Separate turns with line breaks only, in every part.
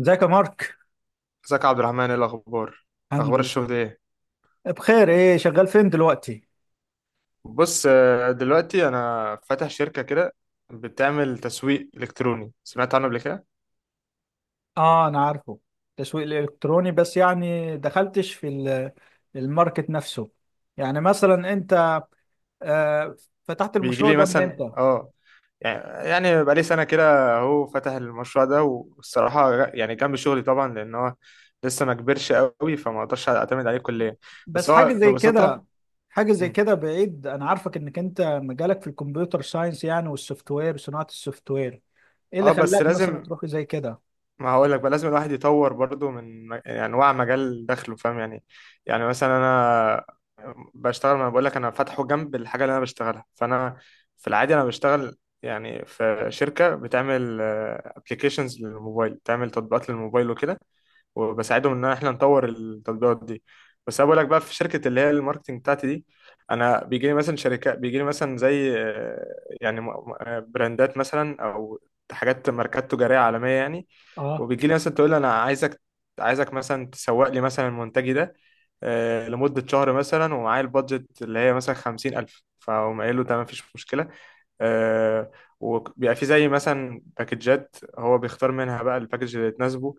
ازيك يا مارك.
ازيك يا عبد الرحمن؟ ايه الاخبار؟
الحمد
اخبار
لله.
الشغل ايه؟
بخير، ايه شغال فين دلوقتي؟
بص، دلوقتي انا فاتح شركه كده، بتعمل تسويق الكتروني. سمعت عنه قبل كده؟
اه، انا عارفه. تسويق الالكتروني، بس يعني دخلتش في الماركت نفسه. يعني مثلا انت، آه فتحت
بيجي
المشروع
لي
ده من
مثلا
امتى؟
اه، يعني بقى لي سنه كده هو فاتح المشروع ده، والصراحه يعني جنب شغلي طبعا، لان هو لسه ما كبرش قوي فما اقدرش اعتمد عليه كليا.
بس
بس
حاجه
هو
زي
ببساطه
كده. حاجه زي
مم.
كده، بعيد، انا عارفك انك انت مجالك في الكمبيوتر ساينس يعني، والسوفت وير، صناعه السوفت وير. ايه اللي
اه، بس
خلاك مثلا
لازم،
تروح زي كده؟
ما هقول لك بقى، لازم الواحد يطور برضو من يعني انواع مجال دخله. فاهم يعني؟ يعني مثلا انا بشتغل، ما بقول لك انا فاتحه جنب الحاجه اللي انا بشتغلها، فانا في العادي انا بشتغل يعني في شركه بتعمل ابلكيشنز للموبايل، بتعمل تطبيقات للموبايل وكده، وبساعدهم ان احنا نطور التطبيقات دي. بس انا بقول لك بقى في شركه اللي هي الماركتنج بتاعتي دي، انا بيجي لي مثلا شركات، بيجي لي مثلا زي يعني براندات مثلا، او حاجات ماركات تجاريه عالميه يعني.
اه،
وبيجي لي مثلا تقول لي انا عايزك مثلا تسوق لي مثلا منتجي ده، لمده شهر مثلا، ومعايا البادجت اللي هي مثلا 50,000، فاقوم قايل له تمام، مفيش مشكله. آه، وبيبقى في زي مثلا باكجات هو بيختار منها بقى الباكج اللي تناسبه.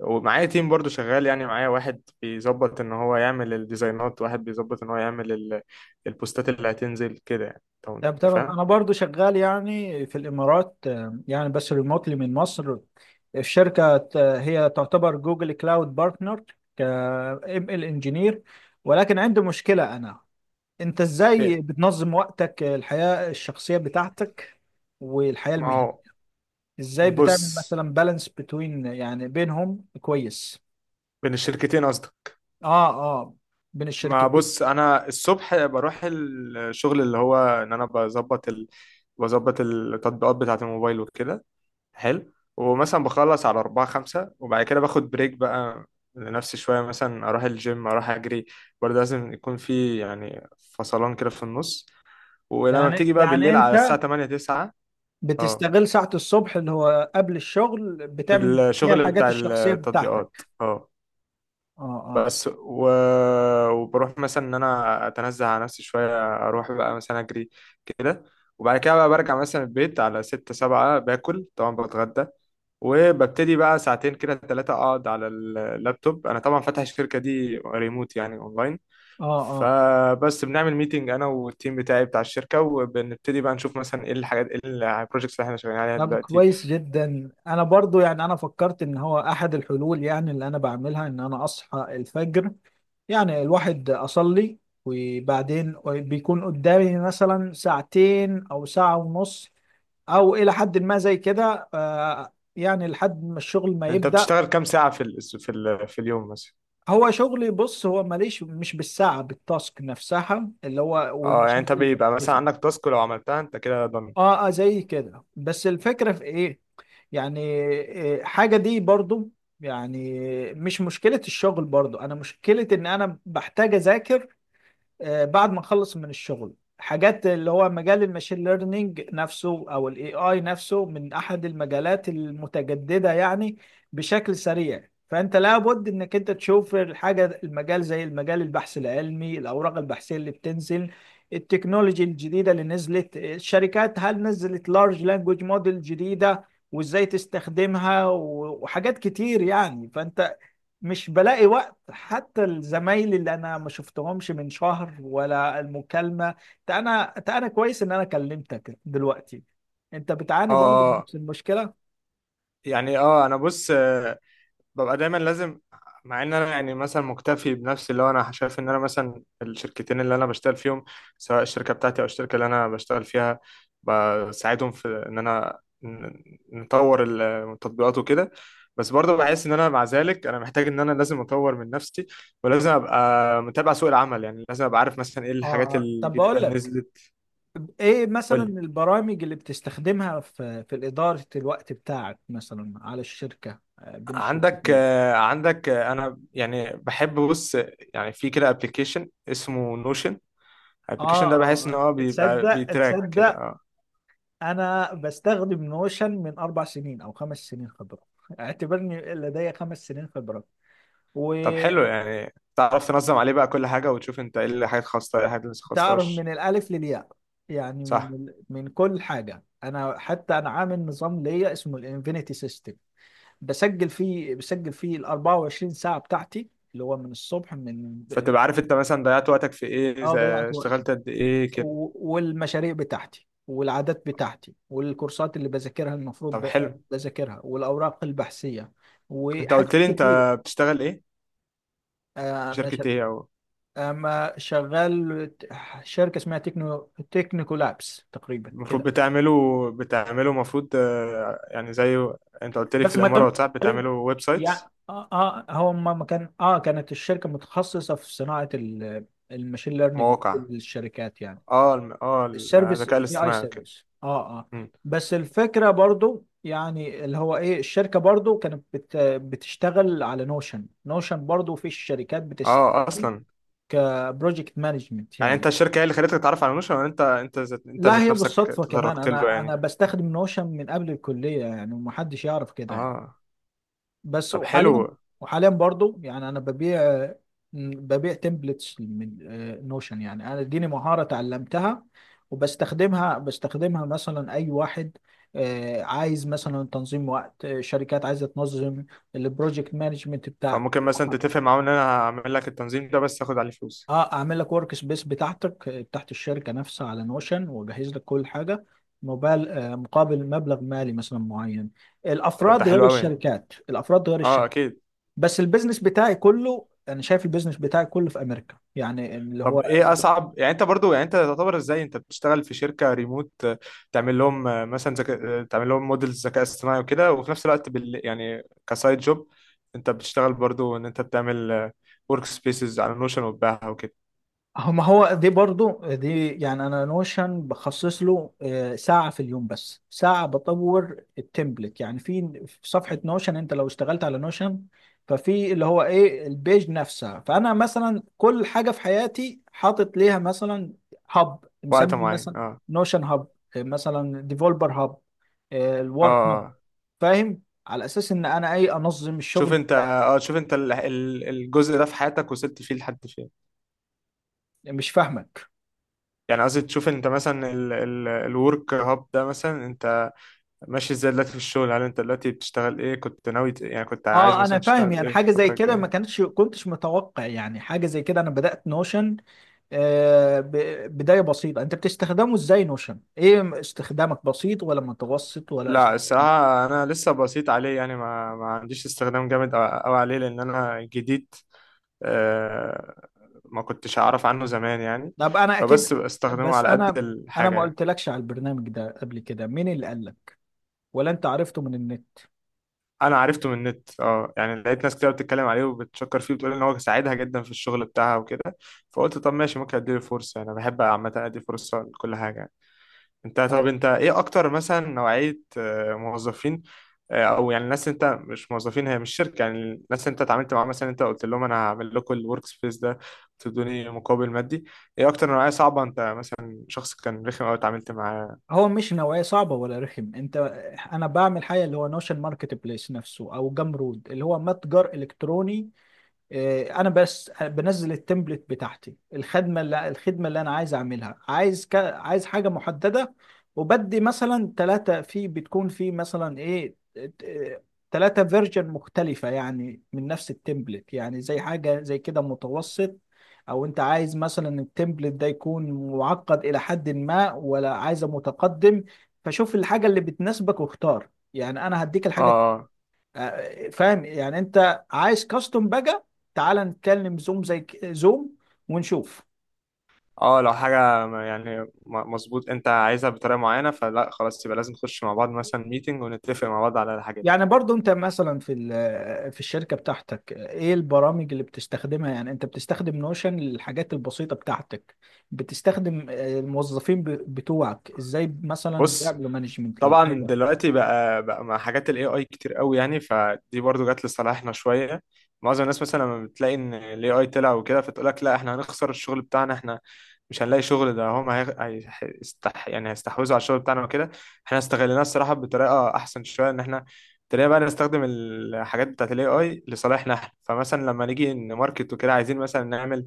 ومعايا تيم برضو شغال، يعني معايا واحد بيظبط ان هو يعمل الديزاينات، واحد بيظبط ان هو يعمل البوستات اللي هتنزل كده يعني. طب
طب
انت
تمام،
فاهم؟
انا برضو شغال يعني في الامارات، يعني بس ريموتلي من مصر. الشركه هي تعتبر جوجل كلاود بارتنر، ك ام ال انجينير. ولكن عندي مشكله انا. انت
إيه،
ازاي بتنظم وقتك، الحياه الشخصيه بتاعتك، والحياه
ما
المهنيه؟
هو
ازاي
بص،
بتعمل مثلا بالانس بتوين يعني بينهم كويس؟
بين الشركتين قصدك؟
اه، اه، بين
ما
الشركتين.
بص، انا الصبح بروح الشغل اللي هو ان انا بظبط بظبط التطبيقات بتاعة الموبايل وكده، حلو. ومثلا بخلص على أربعة خمسة، وبعد كده باخد بريك بقى لنفسي شوية، مثلا أروح الجيم، أروح أجري. برضه لازم يكون في يعني فصلان كده في النص. ولما
يعني
بتيجي بقى
يعني
بالليل على الساعة
انت
8 9، اه،
بتستغل ساعة الصبح اللي هو قبل الشغل،
في
بتعمل فيها
الشغل
الحاجات
بتاع
الشخصية بتاعتك؟
التطبيقات اه.
اه، اه.
بس وبروح مثلا ان انا اتنزه على نفسي شوية، اروح بقى مثلا اجري كده. وبعد كده بقى برجع مثلا البيت على 6 7، باكل طبعا، بتغدى، وببتدي بقى 2 ساعتين كده 3 اقعد على اللابتوب. انا طبعا فاتح الشركة دي ريموت يعني اونلاين،
اه، اه،
فبس بنعمل ميتنج انا والتيم بتاعي بتاع الشركه، وبنبتدي بقى نشوف مثلا ايه الحاجات، ايه البروجكتس اللي احنا شغالين عليها
طب
دلوقتي.
كويس جدا، انا برضو يعني انا فكرت ان هو احد الحلول يعني اللي انا بعملها ان انا اصحى الفجر. يعني الواحد اصلي، وبعدين بيكون قدامي مثلا ساعتين او ساعة ونص، او الى حد ما زي كده، يعني لحد ما الشغل ما
انت
يبدأ.
بتشتغل كام ساعة في في اليوم مثلا؟
هو شغلي، بص، هو ماليش، مش بالساعة، بالتاسك نفسها اللي هو،
اه، يعني
والمشاريع
انت
اللي
بيبقى مثلا
بنفذها.
عندك تاسك، لو عملتها انت كده ضامن.
اه، اه، زي كده، بس الفكرة في ايه؟ يعني إيه حاجة دي برضو يعني. مش مشكلة الشغل برضو انا، مشكلة ان انا بحتاج اذاكر، بعد ما نخلص من الشغل حاجات اللي هو مجال الماشين ليرنينج نفسه او الاي اي نفسه، من احد المجالات المتجدده يعني بشكل سريع. فانت لابد انك انت تشوف الحاجه، المجال زي المجال، البحث العلمي، الاوراق البحثيه اللي بتنزل، التكنولوجي الجديده اللي نزلت الشركات، هل نزلت لارج لانجوج موديل جديده وازاي تستخدمها، وحاجات كتير يعني. فانت مش بلاقي وقت، حتى الزمايل اللي انا ما شفتهمش من شهر ولا المكالمه. انت انا كويس ان انا كلمتك دلوقتي. انت بتعاني برضه من
اه،
نفس المشكله؟ اه،
يعني اه، انا بص، ببقى دايما لازم، مع ان انا يعني مثلا مكتفي بنفسي، اللي هو انا شايف ان انا مثلا الشركتين اللي انا بشتغل فيهم، سواء الشركه بتاعتي او الشركه اللي انا بشتغل فيها، بساعدهم في ان انا نطور التطبيقات وكده. بس برضه بحس ان انا مع ذلك انا محتاج ان انا لازم اطور من نفسي، ولازم ابقى متابع سوق العمل، يعني لازم ابقى عارف مثلا ايه الحاجات
اه. طب
الجديده
بقول
اللي
لك،
نزلت.
ايه
قول
مثلا
لي.
البرامج اللي بتستخدمها في اداره الوقت بتاعك مثلا على الشركه، بين
عندك
الشركتين؟
عندك، انا يعني بحب، بص، يعني في كده ابلكيشن اسمه نوشن.
اه،
الابلكيشن ده بحس ان
اه،
هو
اه،
بيبقى
تصدق،
بيتراك كده
تصدق،
اه.
انا بستخدم نوشن من 4 سنين او 5 سنين خبره اعتبرني لدي 5 سنين خبره. و،
طب حلو، يعني تعرف تنظم عليه بقى كل حاجه، وتشوف انت ايه اللي حاجات خاصه، ايه الحاجات اللي ما
تعرف
خاصهاش.
من الألف للياء، يعني
صح،
من كل حاجة. أنا حتى أنا عامل نظام ليا اسمه الانفينيتي سيستم. بسجل فيه ال 24 ساعة بتاعتي، اللي هو من الصبح، من...
فتبقى عارف انت مثلا ضيعت وقتك في ايه
اه، ضيعت وقتي،
اشتغلت قد ايه كده.
والمشاريع بتاعتي والعادات بتاعتي والكورسات اللي بذاكرها، المفروض
طب حلو.
بذاكرها، والأوراق البحثية
انت
وحاجات
قلت لي انت
كتير.
بتشتغل ايه،
آه،
في
أنا شغ-
شركه ايه، او
أما شغال شركة اسمها تكنو، تكنيكو لابس تقريبا
المفروض
كده.
بتعمله، بتعمله المفروض، يعني زي، انت قلت لي في
بس ما تبقى
الامارات، صح؟ بتعمله
عليه
ويب
يعني.
سايتس،
اه، اه، هو ما ما كان، كانت الشركه متخصصه في صناعه الماشين ليرنينج
مواقع؟
للشركات يعني،
اه اه
السيرفيس،
الذكاء
اي اي
الاصطناعي كده؟
سيرفيس. اه، اه. بس الفكره برضو يعني اللي هو ايه، الشركه برضو كانت بتشتغل على نوشن. نوشن برضو في الشركات بتشتغل
اه، اصلا.
كبروجكت مانجمنت
يعني
يعني.
انت الشركه هي اللي خلتك تتعرف على نوشن، ولا انت انت ذات انت
لا،
ذات
هي
نفسك
بالصدفه كمان،
تطرقت له
انا
يعني؟
بستخدم نوشن من قبل الكليه يعني ومحدش يعرف كده يعني.
اه،
بس
طب
وحاليا
حلو.
وحاليا برضو يعني انا ببيع تمبلتس من نوشن يعني، انا اديني مهارة اتعلمتها، وبستخدمها مثلا. اي واحد عايز مثلا تنظيم وقت، شركات عايزة تنظم البروجكت مانجمنت بتاعها.
فممكن مثلا تتفق معاهم ان انا هعمل لك التنظيم ده، بس تاخد عليه فلوس.
اه، اعمل لك ورك سبيس بتاعتك، بتاعت الشركة نفسها على نوشن، واجهز لك كل حاجة مقابل مبلغ مالي مثلا معين.
طب ده
الافراد غير
حلو قوي.
الشركات، الافراد غير
اه،
الشركات.
اكيد.
بس البيزنس بتاعي كله، انا شايف البيزنس بتاعي كله في امريكا يعني اللي هو.
طب ايه اصعب، يعني انت برضو يعني انت تعتبر ازاي انت بتشتغل في شركه ريموت، تعمل لهم مثلا ذكاء، تعمل لهم موديلز ذكاء اصطناعي وكده، وفي نفس الوقت يعني كسايد جوب انت بتشتغل برضو ان انت بتعمل ورك سبيسز على نوشن وتبيعها وكده.
هو، ما هو دي برضو دي، يعني انا نوشن بخصص له، ساعة في اليوم، بس ساعة بطور التمبلت يعني في صفحة نوشن. انت لو اشتغلت على نوشن ففي اللي هو ايه البيج نفسها، فانا مثلا كل حاجة في حياتي حاطط ليها مثلا هاب
وقت
مسمي
معين
مثلا،
اه.
نوشن هاب، مثلا ديفولبر هاب،
اه.
الورك هاب،
آه.
فاهم؟ على اساس ان انا ايه انظم
شوف
الشغل.
انت، اه، شوف انت الجزء ده في حياتك وصلت فيه لحد فين؟
مش فاهمك.
يعني قصدي تشوف انت مثلا الورك هاب ده، مثلا انت ماشي ازاي دلوقتي في الشغل؟ هل انت دلوقتي بتشتغل ايه، كنت ناوي يعني كنت عايز
اه، انا
مثلا
فاهم
تشتغل
يعني،
ايه في
حاجه زي
الفترة
كده ما
الجاية؟
كانتش كنتش متوقع يعني، حاجه زي كده. انا بدات نوشن بدايه بسيطه. انت بتستخدمه ازاي نوشن؟ ايه استخدامك، بسيط ولا متوسط ولا
لا، الصراحة انا لسه بسيط عليه، يعني ما عنديش استخدام جامد قوي عليه لان انا جديد. آه، ما كنتش اعرف عنه زمان يعني،
طب انا
فبس
اكيد.
بستخدمه
بس
على قد
انا
الحاجة
ما
يعني.
قلتلكش على البرنامج ده قبل كده، مين اللي قال لك، ولا انت عرفته من النت؟
انا عرفته من النت اه. يعني لقيت ناس كتير بتتكلم عليه وبتشكر فيه، بتقول ان هو ساعدها جدا في الشغل بتاعها وكده، فقلت طب ماشي، ممكن اديله فرصه، يعني انا بحب عامه ادي فرصه لكل حاجه. انت،
طب.
طب انت ايه اكتر مثلا نوعيه، موظفين، او يعني الناس، انت مش موظفين هي، مش شركه يعني، الناس انت اتعاملت معاها، مثلا انت قلت لهم انا هعمل لكم الورك سبيس ده، تدوني مقابل مادي، ايه اكتر نوعيه صعبه، انت مثلا شخص كان رخم او اتعاملت معاه؟
هو مش نوعيه صعبه ولا رخم انت، انا بعمل حاجه اللي هو نوشن ماركت بليس نفسه او جمرود اللي هو متجر الكتروني. إيه، انا بس بنزل التمبلت بتاعتي، الخدمه اللي انا عايز اعملها، عايز عايز حاجه محدده. وبدي مثلا ثلاثه في بتكون في مثلا ايه، ثلاثه فيرجن مختلفه يعني من نفس التمبلت يعني. زي حاجه زي كده متوسط، او انت عايز مثلا التمبلت ده يكون معقد الى حد ما، ولا عايزه متقدم. فشوف الحاجه اللي بتناسبك واختار، يعني انا هديك
اه.
الحاجه.
آه.
فاهم يعني، انت عايز كاستم بقى. تعال نتكلم زوم زي زوم، ونشوف.
اه، لو حاجة يعني مظبوط انت عايزها بطريقة معينة، فلا، خلاص، يبقى لازم نخش مع بعض مثلا ميتنج، ونتفق مع بعض على الحاجات.
يعني برضو انت مثلا في في الشركة بتاعتك، ايه البرامج اللي بتستخدمها يعني؟ انت بتستخدم نوشن للحاجات البسيطة بتاعتك؟ بتستخدم، الموظفين بتوعك ازاي مثلا
بص،
بيعملوا مانجمنت
طبعا
للحاجة؟
دلوقتي بقى مع حاجات الاي اي كتير قوي يعني، فدي برضو جت لصالحنا شويه. معظم الناس مثلا لما بتلاقي ان الاي اي طلع وكده، فتقول لك لا احنا هنخسر الشغل بتاعنا، احنا مش هنلاقي شغل، ده هم يعني هيستحوذوا على الشغل بتاعنا وكده. احنا استغليناه الصراحه بطريقه احسن شويه، ان احنا ابتدينا بقى نستخدم الحاجات بتاعت الاي اي لصالحنا احنا. فمثلا لما نيجي نماركت وكده، عايزين مثلا نعمل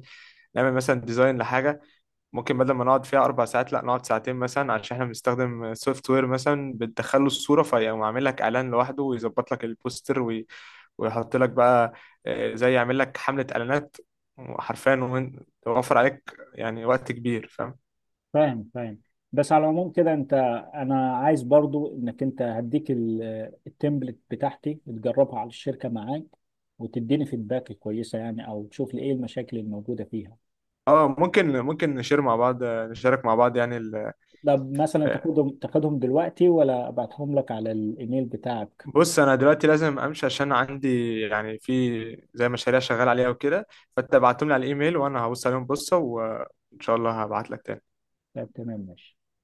نعمل مثلا ديزاين لحاجه، ممكن بدل ما نقعد فيها 4 ساعات لا نقعد 2 ساعتين مثلا، عشان احنا بنستخدم سوفت وير مثلا بتدخله الصورة فيقوم عامل لك إعلان لوحده، ويظبط لك البوستر ويحط لك بقى، زي يعمل لك حملة إعلانات حرفيا، ويوفر عليك يعني وقت كبير. فاهم؟
فاهم، فاهم. بس على العموم كده، انت، انا عايز برضو انك انت هديك التمبلت بتاعتي، تجربها على الشركه معاك، وتديني فيدباك كويسه يعني، او تشوف لي ايه المشاكل الموجوده فيها.
اه، ممكن نشير مع بعض، نشارك مع بعض يعني
طب مثلا
آه،
تاخدهم، تاخدهم دلوقتي، ولا ابعتهم لك على الايميل بتاعك؟
بص، انا دلوقتي لازم امشي، عشان عندي يعني في زي مشاريع شغال عليها وكده، فانت ابعتهم لي على الايميل، وانا هبص عليهم بصة، وان شاء الله هبعت لك تاني.
طب تمام، ماشي.